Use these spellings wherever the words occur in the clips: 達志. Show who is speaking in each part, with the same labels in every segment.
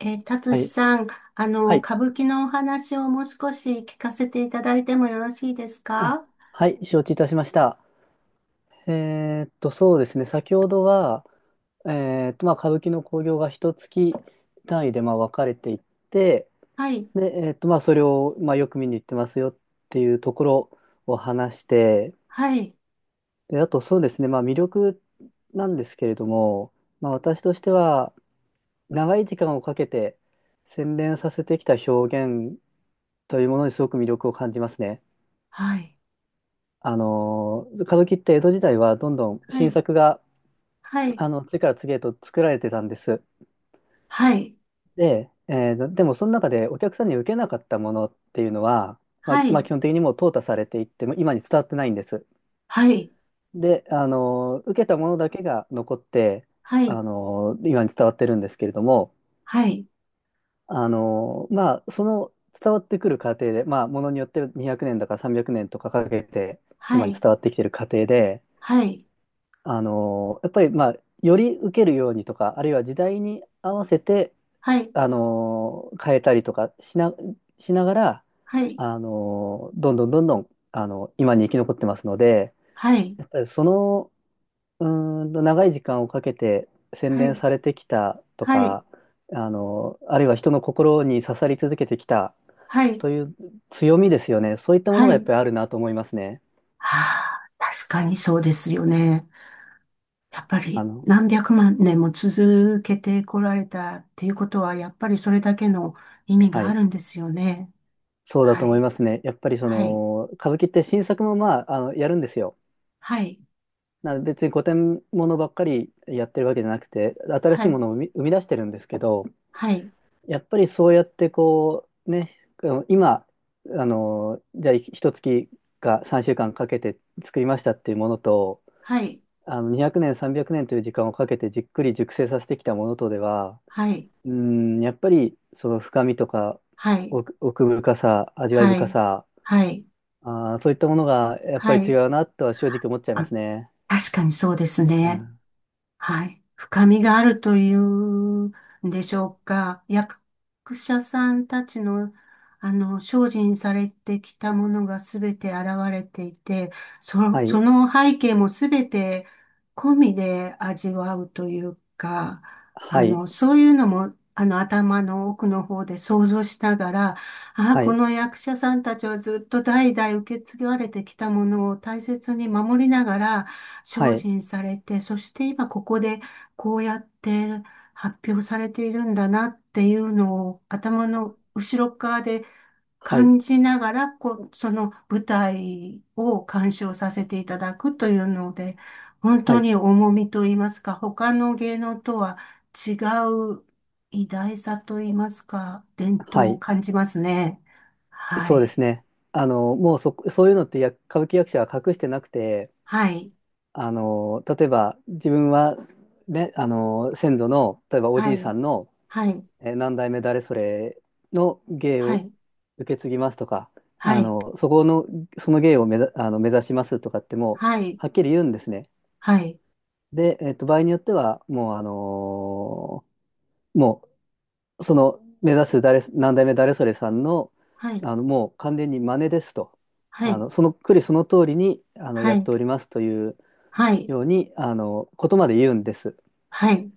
Speaker 1: 達
Speaker 2: は
Speaker 1: 志
Speaker 2: い。
Speaker 1: さん、
Speaker 2: はい。
Speaker 1: 歌舞伎のお話をもう少し聞かせていただいてもよろしいです
Speaker 2: あ、
Speaker 1: か？
Speaker 2: はい。承知いたしました。そうですね。先ほどは、歌舞伎の興行が一月単位で、分かれていって、
Speaker 1: はい、
Speaker 2: で、それを、よく見に行ってますよっていうところを話して、
Speaker 1: はい、
Speaker 2: で、あと、そうですね。魅力なんですけれども、私としては、長い時間をかけて洗練させてきた表現というものにすごく魅力を感じますね。
Speaker 1: はい、
Speaker 2: 歌舞伎って江戸時代はどんどん
Speaker 1: は
Speaker 2: 新
Speaker 1: い、
Speaker 2: 作が、
Speaker 1: はい、
Speaker 2: 次から次へと作られてたんです。
Speaker 1: はい、
Speaker 2: で、でもその中でお客さんに受けなかったものっていうのは、まあ、
Speaker 1: は
Speaker 2: まあ
Speaker 1: い、
Speaker 2: 基本的にもう淘汰されていって、もう今に伝わってないんです。
Speaker 1: は
Speaker 2: で、受けたものだけが残って、
Speaker 1: い、
Speaker 2: 今に伝わってるんですけれども、
Speaker 1: はい、
Speaker 2: その伝わってくる過程で、ものによって200年だか300年とかかけて、
Speaker 1: は
Speaker 2: 今に
Speaker 1: い、
Speaker 2: 伝わってきてる過程で、
Speaker 1: はい、
Speaker 2: やっぱりより受けるようにとか、あるいは時代に合わせて
Speaker 1: はい、
Speaker 2: 変えたりとかしながら
Speaker 1: はい、
Speaker 2: どんどんどんどん今に生き残ってますので、
Speaker 1: はい、はい、
Speaker 2: やっぱりそのう長い時間をかけて洗
Speaker 1: は
Speaker 2: 練
Speaker 1: い、
Speaker 2: されてきたと
Speaker 1: はい、は
Speaker 2: か、あるいは人の心に刺さり続けてきた
Speaker 1: い、
Speaker 2: という強みですよね。そういったもの
Speaker 1: は
Speaker 2: がやっ
Speaker 1: い。
Speaker 2: ぱりあるなと思いますね。
Speaker 1: はあ、確かにそうですよね。やっぱ
Speaker 2: あ
Speaker 1: り
Speaker 2: の
Speaker 1: 何百万年も続けてこられたっていうことは、やっぱりそれだけの意味
Speaker 2: は
Speaker 1: があ
Speaker 2: い。
Speaker 1: るんですよね。
Speaker 2: そうだと
Speaker 1: は
Speaker 2: 思い
Speaker 1: い、
Speaker 2: ますね。やっぱりそ
Speaker 1: はい、
Speaker 2: の歌舞伎って新作もやるんですよ。
Speaker 1: はい、
Speaker 2: 別に古典ものばっかりやってるわけじゃなくて、新し
Speaker 1: は
Speaker 2: いも
Speaker 1: い、
Speaker 2: のを生み出してるんですけど、
Speaker 1: はい、
Speaker 2: やっぱりそうやってこうね、あの今あのじゃあ一月か3週間かけて作りましたっていうものと、
Speaker 1: はい、
Speaker 2: 200年300年という時間をかけてじっくり熟成させてきたものとでは、
Speaker 1: はい、
Speaker 2: うんやっぱりその深みとか
Speaker 1: はい、
Speaker 2: 奥深さ、味わい
Speaker 1: は
Speaker 2: 深
Speaker 1: い、
Speaker 2: さ、
Speaker 1: はい、
Speaker 2: ああ、そういったものがやっぱ
Speaker 1: は
Speaker 2: り違
Speaker 1: い。
Speaker 2: うなとは正直思っちゃいま
Speaker 1: あ、
Speaker 2: すね。
Speaker 1: 確かにそうです
Speaker 2: う
Speaker 1: ね。
Speaker 2: ん。
Speaker 1: はい。深みがあるというんでしょうか。役者さんたちの、精進されてきたものがすべて現れていて、
Speaker 2: は
Speaker 1: そ
Speaker 2: い。
Speaker 1: の背景もすべて込みで味わうというか、
Speaker 2: はい。
Speaker 1: そういうのも、頭の奥の方で想像しながら、ああ、
Speaker 2: は
Speaker 1: こ
Speaker 2: い。
Speaker 1: の役者さんたちはずっと代々受け継がれてきたものを大切に守りながら、
Speaker 2: は
Speaker 1: 精
Speaker 2: い。
Speaker 1: 進されて、そして今ここでこうやって発表されているんだなっていうのを頭の後ろ側で
Speaker 2: はい。
Speaker 1: 感じながら、こう、その舞台を鑑賞させていただくというので、本
Speaker 2: は
Speaker 1: 当
Speaker 2: い。
Speaker 1: に重みと言いますか、他の芸能とは違う偉大さと言いますか、伝
Speaker 2: は
Speaker 1: 統を
Speaker 2: い。
Speaker 1: 感じますね。は
Speaker 2: そうです
Speaker 1: い。
Speaker 2: ね。もうそ、そういうのって歌舞伎役者は隠してなくて、
Speaker 1: はい。
Speaker 2: 例えば自分は、ね、先祖の、例えばお
Speaker 1: は
Speaker 2: じいさ
Speaker 1: い。
Speaker 2: んの、
Speaker 1: はい。
Speaker 2: 何代目誰それの芸
Speaker 1: は
Speaker 2: を
Speaker 1: い。
Speaker 2: 受け継ぎますとか、
Speaker 1: はい。
Speaker 2: そこの、その芸を目ざ、あの、目指しますとかってもう、
Speaker 1: はい。
Speaker 2: はっきり言うんですね。
Speaker 1: はい。
Speaker 2: で、場合によっては、もう、ーもその、目指す何代目誰それさんの、
Speaker 1: はい、
Speaker 2: もう完全に真似ですと、
Speaker 1: はい、
Speaker 2: そのその通りに、
Speaker 1: は
Speaker 2: やっ
Speaker 1: い、
Speaker 2: ておりますという
Speaker 1: はい、
Speaker 2: ように、ことまで言うんです。
Speaker 1: はい、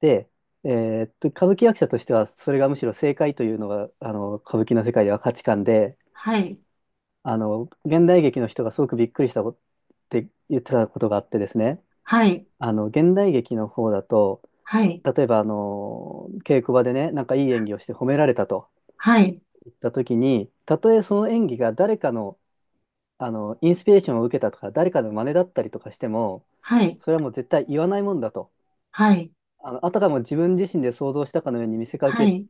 Speaker 2: で、歌舞伎役者としては、それがむしろ正解というのが、歌舞伎の世界では価値観で、
Speaker 1: はい、
Speaker 2: 現代劇の人がすごくびっくりしたことって言ってたことがあってですね、
Speaker 1: はい、
Speaker 2: 現代劇の方だと、
Speaker 1: はい、
Speaker 2: 例えば、稽古場でね、なんかいい演技をして褒められたと
Speaker 1: はい、
Speaker 2: 言った時に、たとえその演技が誰かの、インスピレーションを受けたとか、誰かの真似だったりとかしても、
Speaker 1: はい、
Speaker 2: それはもう絶対言わないもんだと。
Speaker 1: はい、
Speaker 2: あたかも自分自身で想像したかのように見せか
Speaker 1: は
Speaker 2: け
Speaker 1: い、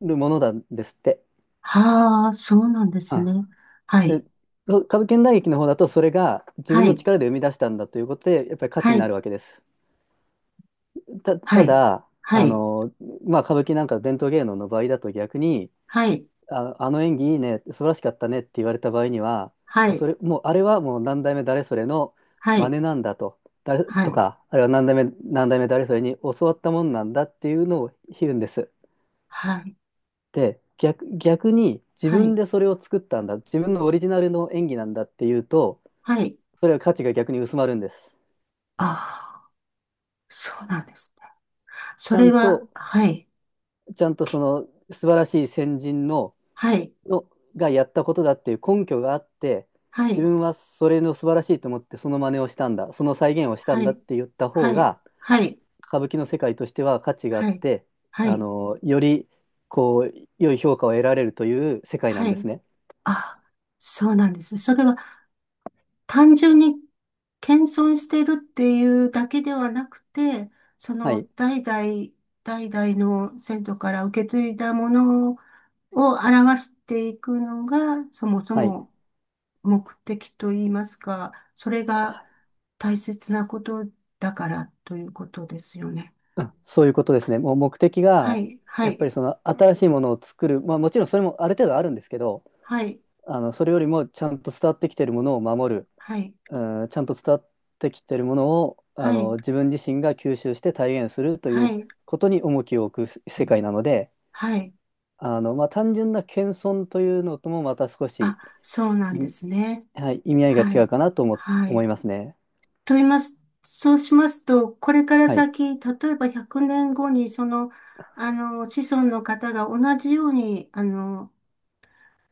Speaker 2: るものなんですって。
Speaker 1: はあ、そうなんです
Speaker 2: は
Speaker 1: ね。は
Speaker 2: で、
Speaker 1: い、
Speaker 2: そう、歌舞伎大劇の方だと、それが自分
Speaker 1: は
Speaker 2: の
Speaker 1: い、
Speaker 2: 力で生み出したんだということで、やっぱり価値
Speaker 1: は
Speaker 2: にな
Speaker 1: い、
Speaker 2: るわけです。
Speaker 1: は
Speaker 2: た
Speaker 1: い、
Speaker 2: だ、
Speaker 1: は
Speaker 2: あ
Speaker 1: い、
Speaker 2: の、歌舞伎なんか伝統芸能の場合だと逆に、
Speaker 1: はい、
Speaker 2: あの演技いいね、素晴らしかったねって言われた場合には、
Speaker 1: はい、
Speaker 2: もうあれはもう何代目誰それの
Speaker 1: は
Speaker 2: 真
Speaker 1: い、
Speaker 2: 似なんだと、誰
Speaker 1: は
Speaker 2: と
Speaker 1: い、
Speaker 2: か、あるいは何代目誰それに教わったもんなんだっていうのを言うんです。
Speaker 1: はい、
Speaker 2: で、逆に自
Speaker 1: は
Speaker 2: 分
Speaker 1: い、
Speaker 2: でそれを作ったんだ、自分のオリジナルの演技なんだっていうと、
Speaker 1: はい、
Speaker 2: それは価値が逆に薄まるんです。
Speaker 1: ああ、そうなんですね。
Speaker 2: ち
Speaker 1: そ
Speaker 2: ゃ
Speaker 1: れ
Speaker 2: ん
Speaker 1: は、
Speaker 2: と、
Speaker 1: はい、
Speaker 2: ちゃんとその素晴らしい先人の
Speaker 1: はい、
Speaker 2: のがやったことだっていう根拠があって、
Speaker 1: は
Speaker 2: 自
Speaker 1: い、
Speaker 2: 分はそれの素晴らしいと思ってその真似をしたんだ、その再現をした
Speaker 1: は
Speaker 2: んだっ
Speaker 1: い、
Speaker 2: て言った方
Speaker 1: はい、
Speaker 2: が、
Speaker 1: はい、
Speaker 2: 歌舞伎の世界としては価値があっ
Speaker 1: はい、
Speaker 2: て、
Speaker 1: はい、
Speaker 2: より良い評価を得られるという世界なん
Speaker 1: は
Speaker 2: です
Speaker 1: い、
Speaker 2: ね。
Speaker 1: ああ、そうなんですね。それは、単純に謙遜してるっていうだけではなくて、そ
Speaker 2: は
Speaker 1: の
Speaker 2: い、
Speaker 1: 代々の先祖から受け継いだものを表していくのが、そもそ
Speaker 2: はい、
Speaker 1: も目的といいますか、それが大切なことだからということですよね。
Speaker 2: うんそういうことですね。もう目的
Speaker 1: は
Speaker 2: が、
Speaker 1: い、は
Speaker 2: やっぱ
Speaker 1: い、
Speaker 2: りその新しいものを作る、まあ、もちろんそれもある程度あるんですけど、
Speaker 1: はい、
Speaker 2: それよりもちゃんと伝わってきているものを守る、
Speaker 1: はい、
Speaker 2: うん、ちゃんと伝わってきてるものを
Speaker 1: はい、
Speaker 2: 自分自身が吸収して体現するとい
Speaker 1: は
Speaker 2: う
Speaker 1: い、
Speaker 2: ことに重きを置く世界なので、
Speaker 1: はい。
Speaker 2: 単純な謙遜というのともまた少
Speaker 1: あ、
Speaker 2: し
Speaker 1: そうなん
Speaker 2: 意
Speaker 1: で
Speaker 2: 味、
Speaker 1: すね。
Speaker 2: はい、意味合いが
Speaker 1: は
Speaker 2: 違う
Speaker 1: い、
Speaker 2: かなと
Speaker 1: は
Speaker 2: 思
Speaker 1: い。
Speaker 2: いますね。
Speaker 1: と言います。そうしますと、これから
Speaker 2: はい、
Speaker 1: 先、例えば100年後に、子孫の方が同じように、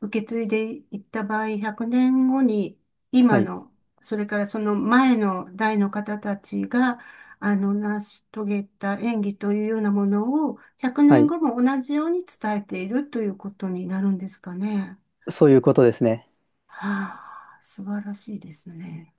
Speaker 1: 受け継いでいった場合、100年後に、
Speaker 2: は
Speaker 1: 今
Speaker 2: い、
Speaker 1: の、それからその前の代の方たちが、成し遂げた演技というようなものを、100
Speaker 2: は
Speaker 1: 年
Speaker 2: い、
Speaker 1: 後も同じように伝えているということになるんですかね？
Speaker 2: そういうことですね。
Speaker 1: はあ、素晴らしいですね。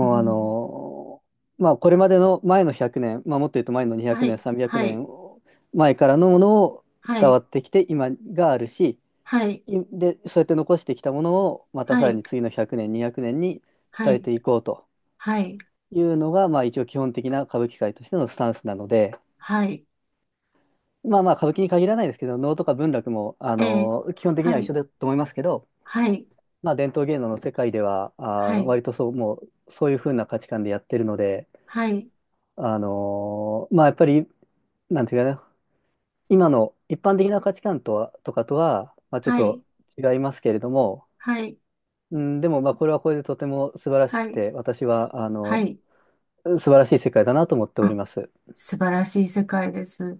Speaker 1: う
Speaker 2: う
Speaker 1: ん、
Speaker 2: これまでの前の100年、もっと言うと前の200
Speaker 1: は
Speaker 2: 年
Speaker 1: い、
Speaker 2: 300
Speaker 1: は
Speaker 2: 年
Speaker 1: い、
Speaker 2: 前からのものを
Speaker 1: は
Speaker 2: 伝わ
Speaker 1: い、
Speaker 2: ってきて今があるし、
Speaker 1: はい。
Speaker 2: で、そうやって残してきたものを、また
Speaker 1: は
Speaker 2: さら
Speaker 1: い、
Speaker 2: に次の100年、200年に
Speaker 1: は
Speaker 2: 伝え
Speaker 1: い、
Speaker 2: ていこうと
Speaker 1: はい、
Speaker 2: いうのが、まあ一応基本的な歌舞伎界としてのスタンスなので、
Speaker 1: はい、
Speaker 2: まあ、歌舞伎に限らないですけど、能とか文楽も、
Speaker 1: えー、
Speaker 2: 基本的に
Speaker 1: は
Speaker 2: は一
Speaker 1: い、
Speaker 2: 緒だと思いますけど、
Speaker 1: はい、
Speaker 2: まあ伝統芸能の世界では、
Speaker 1: はい、
Speaker 2: 割とそう、もうそういう風な価値観でやってるので、
Speaker 1: はい、
Speaker 2: まあやっぱり、なんていうかな、今の一般的な価値観とは、まあちょっ
Speaker 1: はい、
Speaker 2: と違いますけれども、
Speaker 1: はい、
Speaker 2: うん、でも、まあ、これはこれでとても素晴らしく
Speaker 1: はい、
Speaker 2: て、私
Speaker 1: す
Speaker 2: は、
Speaker 1: はい、
Speaker 2: 素晴らしい世界だなと思っており
Speaker 1: あ、
Speaker 2: ます。
Speaker 1: 素晴らしい世界です。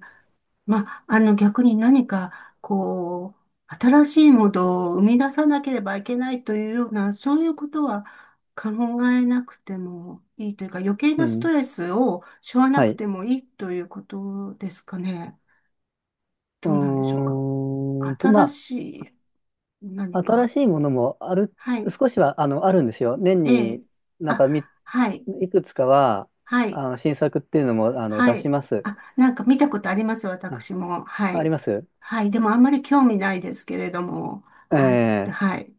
Speaker 1: まあ、逆に何か、新しいものを生み出さなければいけないというような、そういうことは考えなくてもいいというか、余計
Speaker 2: う
Speaker 1: なスト
Speaker 2: ん。
Speaker 1: レスを背負わな
Speaker 2: は
Speaker 1: く
Speaker 2: い。
Speaker 1: てもいいということですかね？どうなんでしょうか。新
Speaker 2: ま
Speaker 1: しい
Speaker 2: あ、
Speaker 1: 何
Speaker 2: 新
Speaker 1: か。
Speaker 2: しいものもある、
Speaker 1: はい。
Speaker 2: 少しは、あるんですよ。年
Speaker 1: ええ。
Speaker 2: になん
Speaker 1: あ、
Speaker 2: かみ、
Speaker 1: はい。
Speaker 2: いくつかは、
Speaker 1: はい。
Speaker 2: 新作っていうのも、出
Speaker 1: は
Speaker 2: し
Speaker 1: い。
Speaker 2: ます。
Speaker 1: あ、なんか見たことあります、
Speaker 2: あ、
Speaker 1: 私も。は
Speaker 2: あり
Speaker 1: い。
Speaker 2: ます。
Speaker 1: はい。でもあんまり興味ないですけれども。はい。
Speaker 2: ええ
Speaker 1: はい。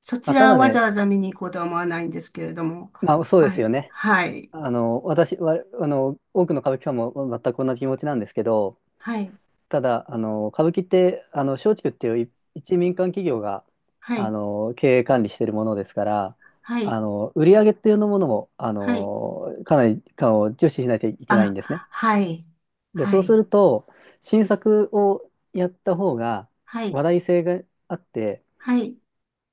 Speaker 1: そち
Speaker 2: まあ、た
Speaker 1: らは
Speaker 2: だ
Speaker 1: わざ
Speaker 2: ね、
Speaker 1: わざ見に行こうとは思わないんですけれども。
Speaker 2: まあ、そうで
Speaker 1: は
Speaker 2: すよ
Speaker 1: い。
Speaker 2: ね。
Speaker 1: はい。
Speaker 2: 私は、多くの歌舞伎ファンも全く同じ気持ちなんですけど、
Speaker 1: はい。
Speaker 2: ただ、歌舞伎って、松竹っていう一民間企業が、
Speaker 1: はい。
Speaker 2: 経営管理しているものですから、
Speaker 1: はい。
Speaker 2: 売り上げっていうのものも、
Speaker 1: はい。
Speaker 2: かなり、かを重視しないといけないん
Speaker 1: あ、
Speaker 2: ですね。
Speaker 1: はい。
Speaker 2: で、
Speaker 1: は
Speaker 2: そうす
Speaker 1: い。
Speaker 2: ると、新作をやった方が、
Speaker 1: はい。
Speaker 2: 話題性があって、
Speaker 1: はい。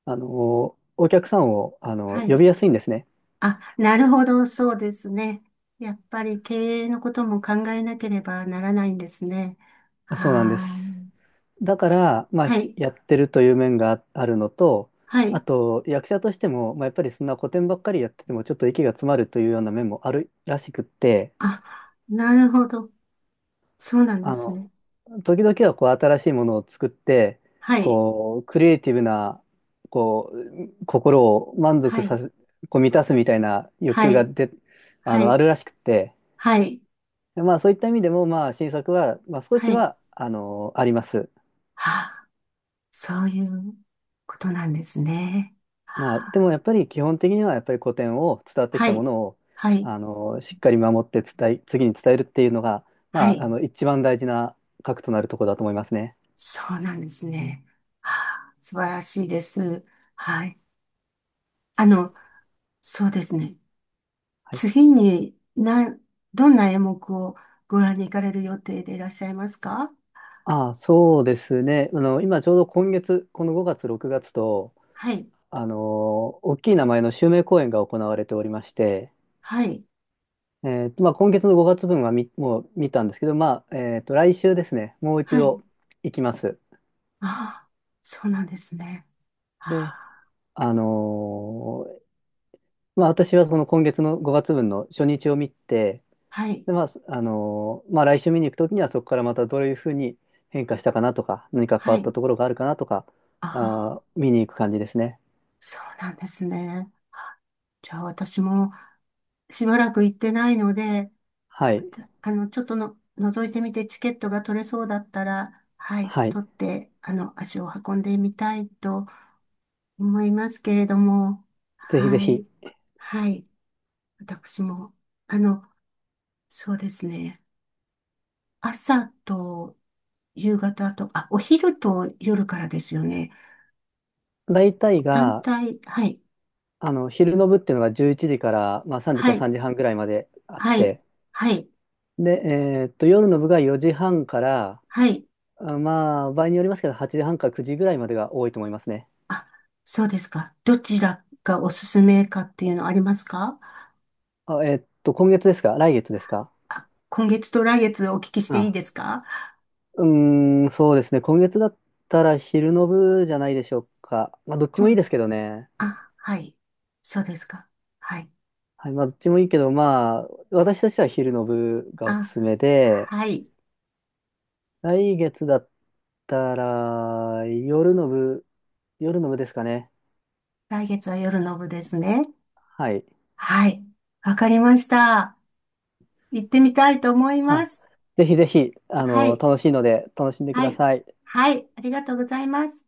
Speaker 2: お客さんを、
Speaker 1: は
Speaker 2: 呼
Speaker 1: い。
Speaker 2: びやすいんですね。
Speaker 1: あ、なるほど、そうですね。やっぱり経営のことも考えなければならないんですね。
Speaker 2: そうなんで
Speaker 1: は
Speaker 2: す。
Speaker 1: あ、
Speaker 2: だから、まあ、
Speaker 1: はい、
Speaker 2: やってるという面があるのと、
Speaker 1: は
Speaker 2: あ
Speaker 1: い。
Speaker 2: と役者としても、まあ、やっぱりそんな古典ばっかりやっててもちょっと息が詰まるというような面もあるらしくって、
Speaker 1: あ、なるほど。そうなんで
Speaker 2: あ
Speaker 1: すね。
Speaker 2: の、時々はこう新しいものを作って、
Speaker 1: はい、
Speaker 2: こうクリエイティブなこう心を満足
Speaker 1: は
Speaker 2: さ
Speaker 1: い、
Speaker 2: せ、こう満たすみたいな欲
Speaker 1: は
Speaker 2: 求が
Speaker 1: い、
Speaker 2: で、あ
Speaker 1: は
Speaker 2: の、あ
Speaker 1: い、
Speaker 2: るらしくって、
Speaker 1: はい、
Speaker 2: でまあそういった意味でも、まあ新作は、まあ、少し
Speaker 1: はい。
Speaker 2: はあります。
Speaker 1: はあ、そういうことなんですね。
Speaker 2: まあ、で
Speaker 1: はあ、
Speaker 2: もやっぱり基本的にはやっぱり古典を、伝わってき
Speaker 1: は
Speaker 2: たも
Speaker 1: い、
Speaker 2: のを
Speaker 1: はい、
Speaker 2: しっかり守って伝え、次に伝えるっていうのが、
Speaker 1: は
Speaker 2: まあ、
Speaker 1: い。
Speaker 2: 一番大事な核となるところだと思いますね。
Speaker 1: そうなんですね。はあ、素晴らしいです。はい。あの、そうですね。
Speaker 2: はい、
Speaker 1: 次に、どんな演目をご覧に行かれる予定でいらっしゃいますか？
Speaker 2: ああ、そうですね。今ちょうど今月、この5月、6月と
Speaker 1: はい、
Speaker 2: あの大きい名前の襲名公演が行われておりまして、
Speaker 1: はい、
Speaker 2: 今月の5月分はもう見たんですけど、まあ来週ですね、もう一
Speaker 1: はい。
Speaker 2: 度行きます。
Speaker 1: ああ、そうなんですね。あ
Speaker 2: で、
Speaker 1: あ、
Speaker 2: あの私はその今月の5月分の初日を見て、
Speaker 1: はい、
Speaker 2: で、まあ、すあのーまあ、来週見に行くときには、そこからまたどういうふうに変化したかなとか、何か変
Speaker 1: は
Speaker 2: わった
Speaker 1: い。
Speaker 2: ところがあるかなとか、
Speaker 1: ああ、
Speaker 2: 見に行く感じですね。
Speaker 1: そうなんですね。あ、じゃあ私もしばらく行ってないので、
Speaker 2: はい。
Speaker 1: ちょっとの、覗いてみてチケットが取れそうだったら、はい、
Speaker 2: はい。
Speaker 1: 取って、足を運んでみたいと思いますけれども、
Speaker 2: ぜひぜ
Speaker 1: は
Speaker 2: ひ。
Speaker 1: い、はい。私も、あの、そうですね。朝と夕方と、あ、お昼と夜からですよね。
Speaker 2: 大体
Speaker 1: 団
Speaker 2: が、
Speaker 1: 体、はい、
Speaker 2: 昼の部っていうのが11時から、まあ、3時
Speaker 1: は
Speaker 2: か
Speaker 1: い、
Speaker 2: 3時半ぐらいまであっ
Speaker 1: はい、
Speaker 2: て、
Speaker 1: はい、
Speaker 2: で、夜の部が4時半から、
Speaker 1: はい。
Speaker 2: まあ、場合によりますけど、8時半か9時ぐらいまでが多いと思いますね。
Speaker 1: あ、そうですか。どちらがおすすめかっていうのありますか？
Speaker 2: あ、今月ですか、来月ですか？
Speaker 1: あ、今月と来月お聞きし
Speaker 2: う
Speaker 1: てい
Speaker 2: ん
Speaker 1: いですか？
Speaker 2: うーん、そうですね。今月だったら昼の部じゃないでしょうか。まあ、どっちもいい
Speaker 1: 今、
Speaker 2: ですけどね。
Speaker 1: あ、はい。そうですか。はい。
Speaker 2: はい、まあ、どっちもいいけど、まあ、私としては昼の部がおす
Speaker 1: あ、
Speaker 2: すめで、
Speaker 1: はい。
Speaker 2: 来月だったら夜の部ですかね。
Speaker 1: 来月は夜の部ですね。
Speaker 2: はい。
Speaker 1: はい。わかりました。行ってみたいと思いま
Speaker 2: あ、
Speaker 1: す。
Speaker 2: ぜひぜひ、
Speaker 1: はい、
Speaker 2: 楽しいので、楽しんでく
Speaker 1: は
Speaker 2: だ
Speaker 1: い、
Speaker 2: さい。
Speaker 1: はい、ありがとうございます。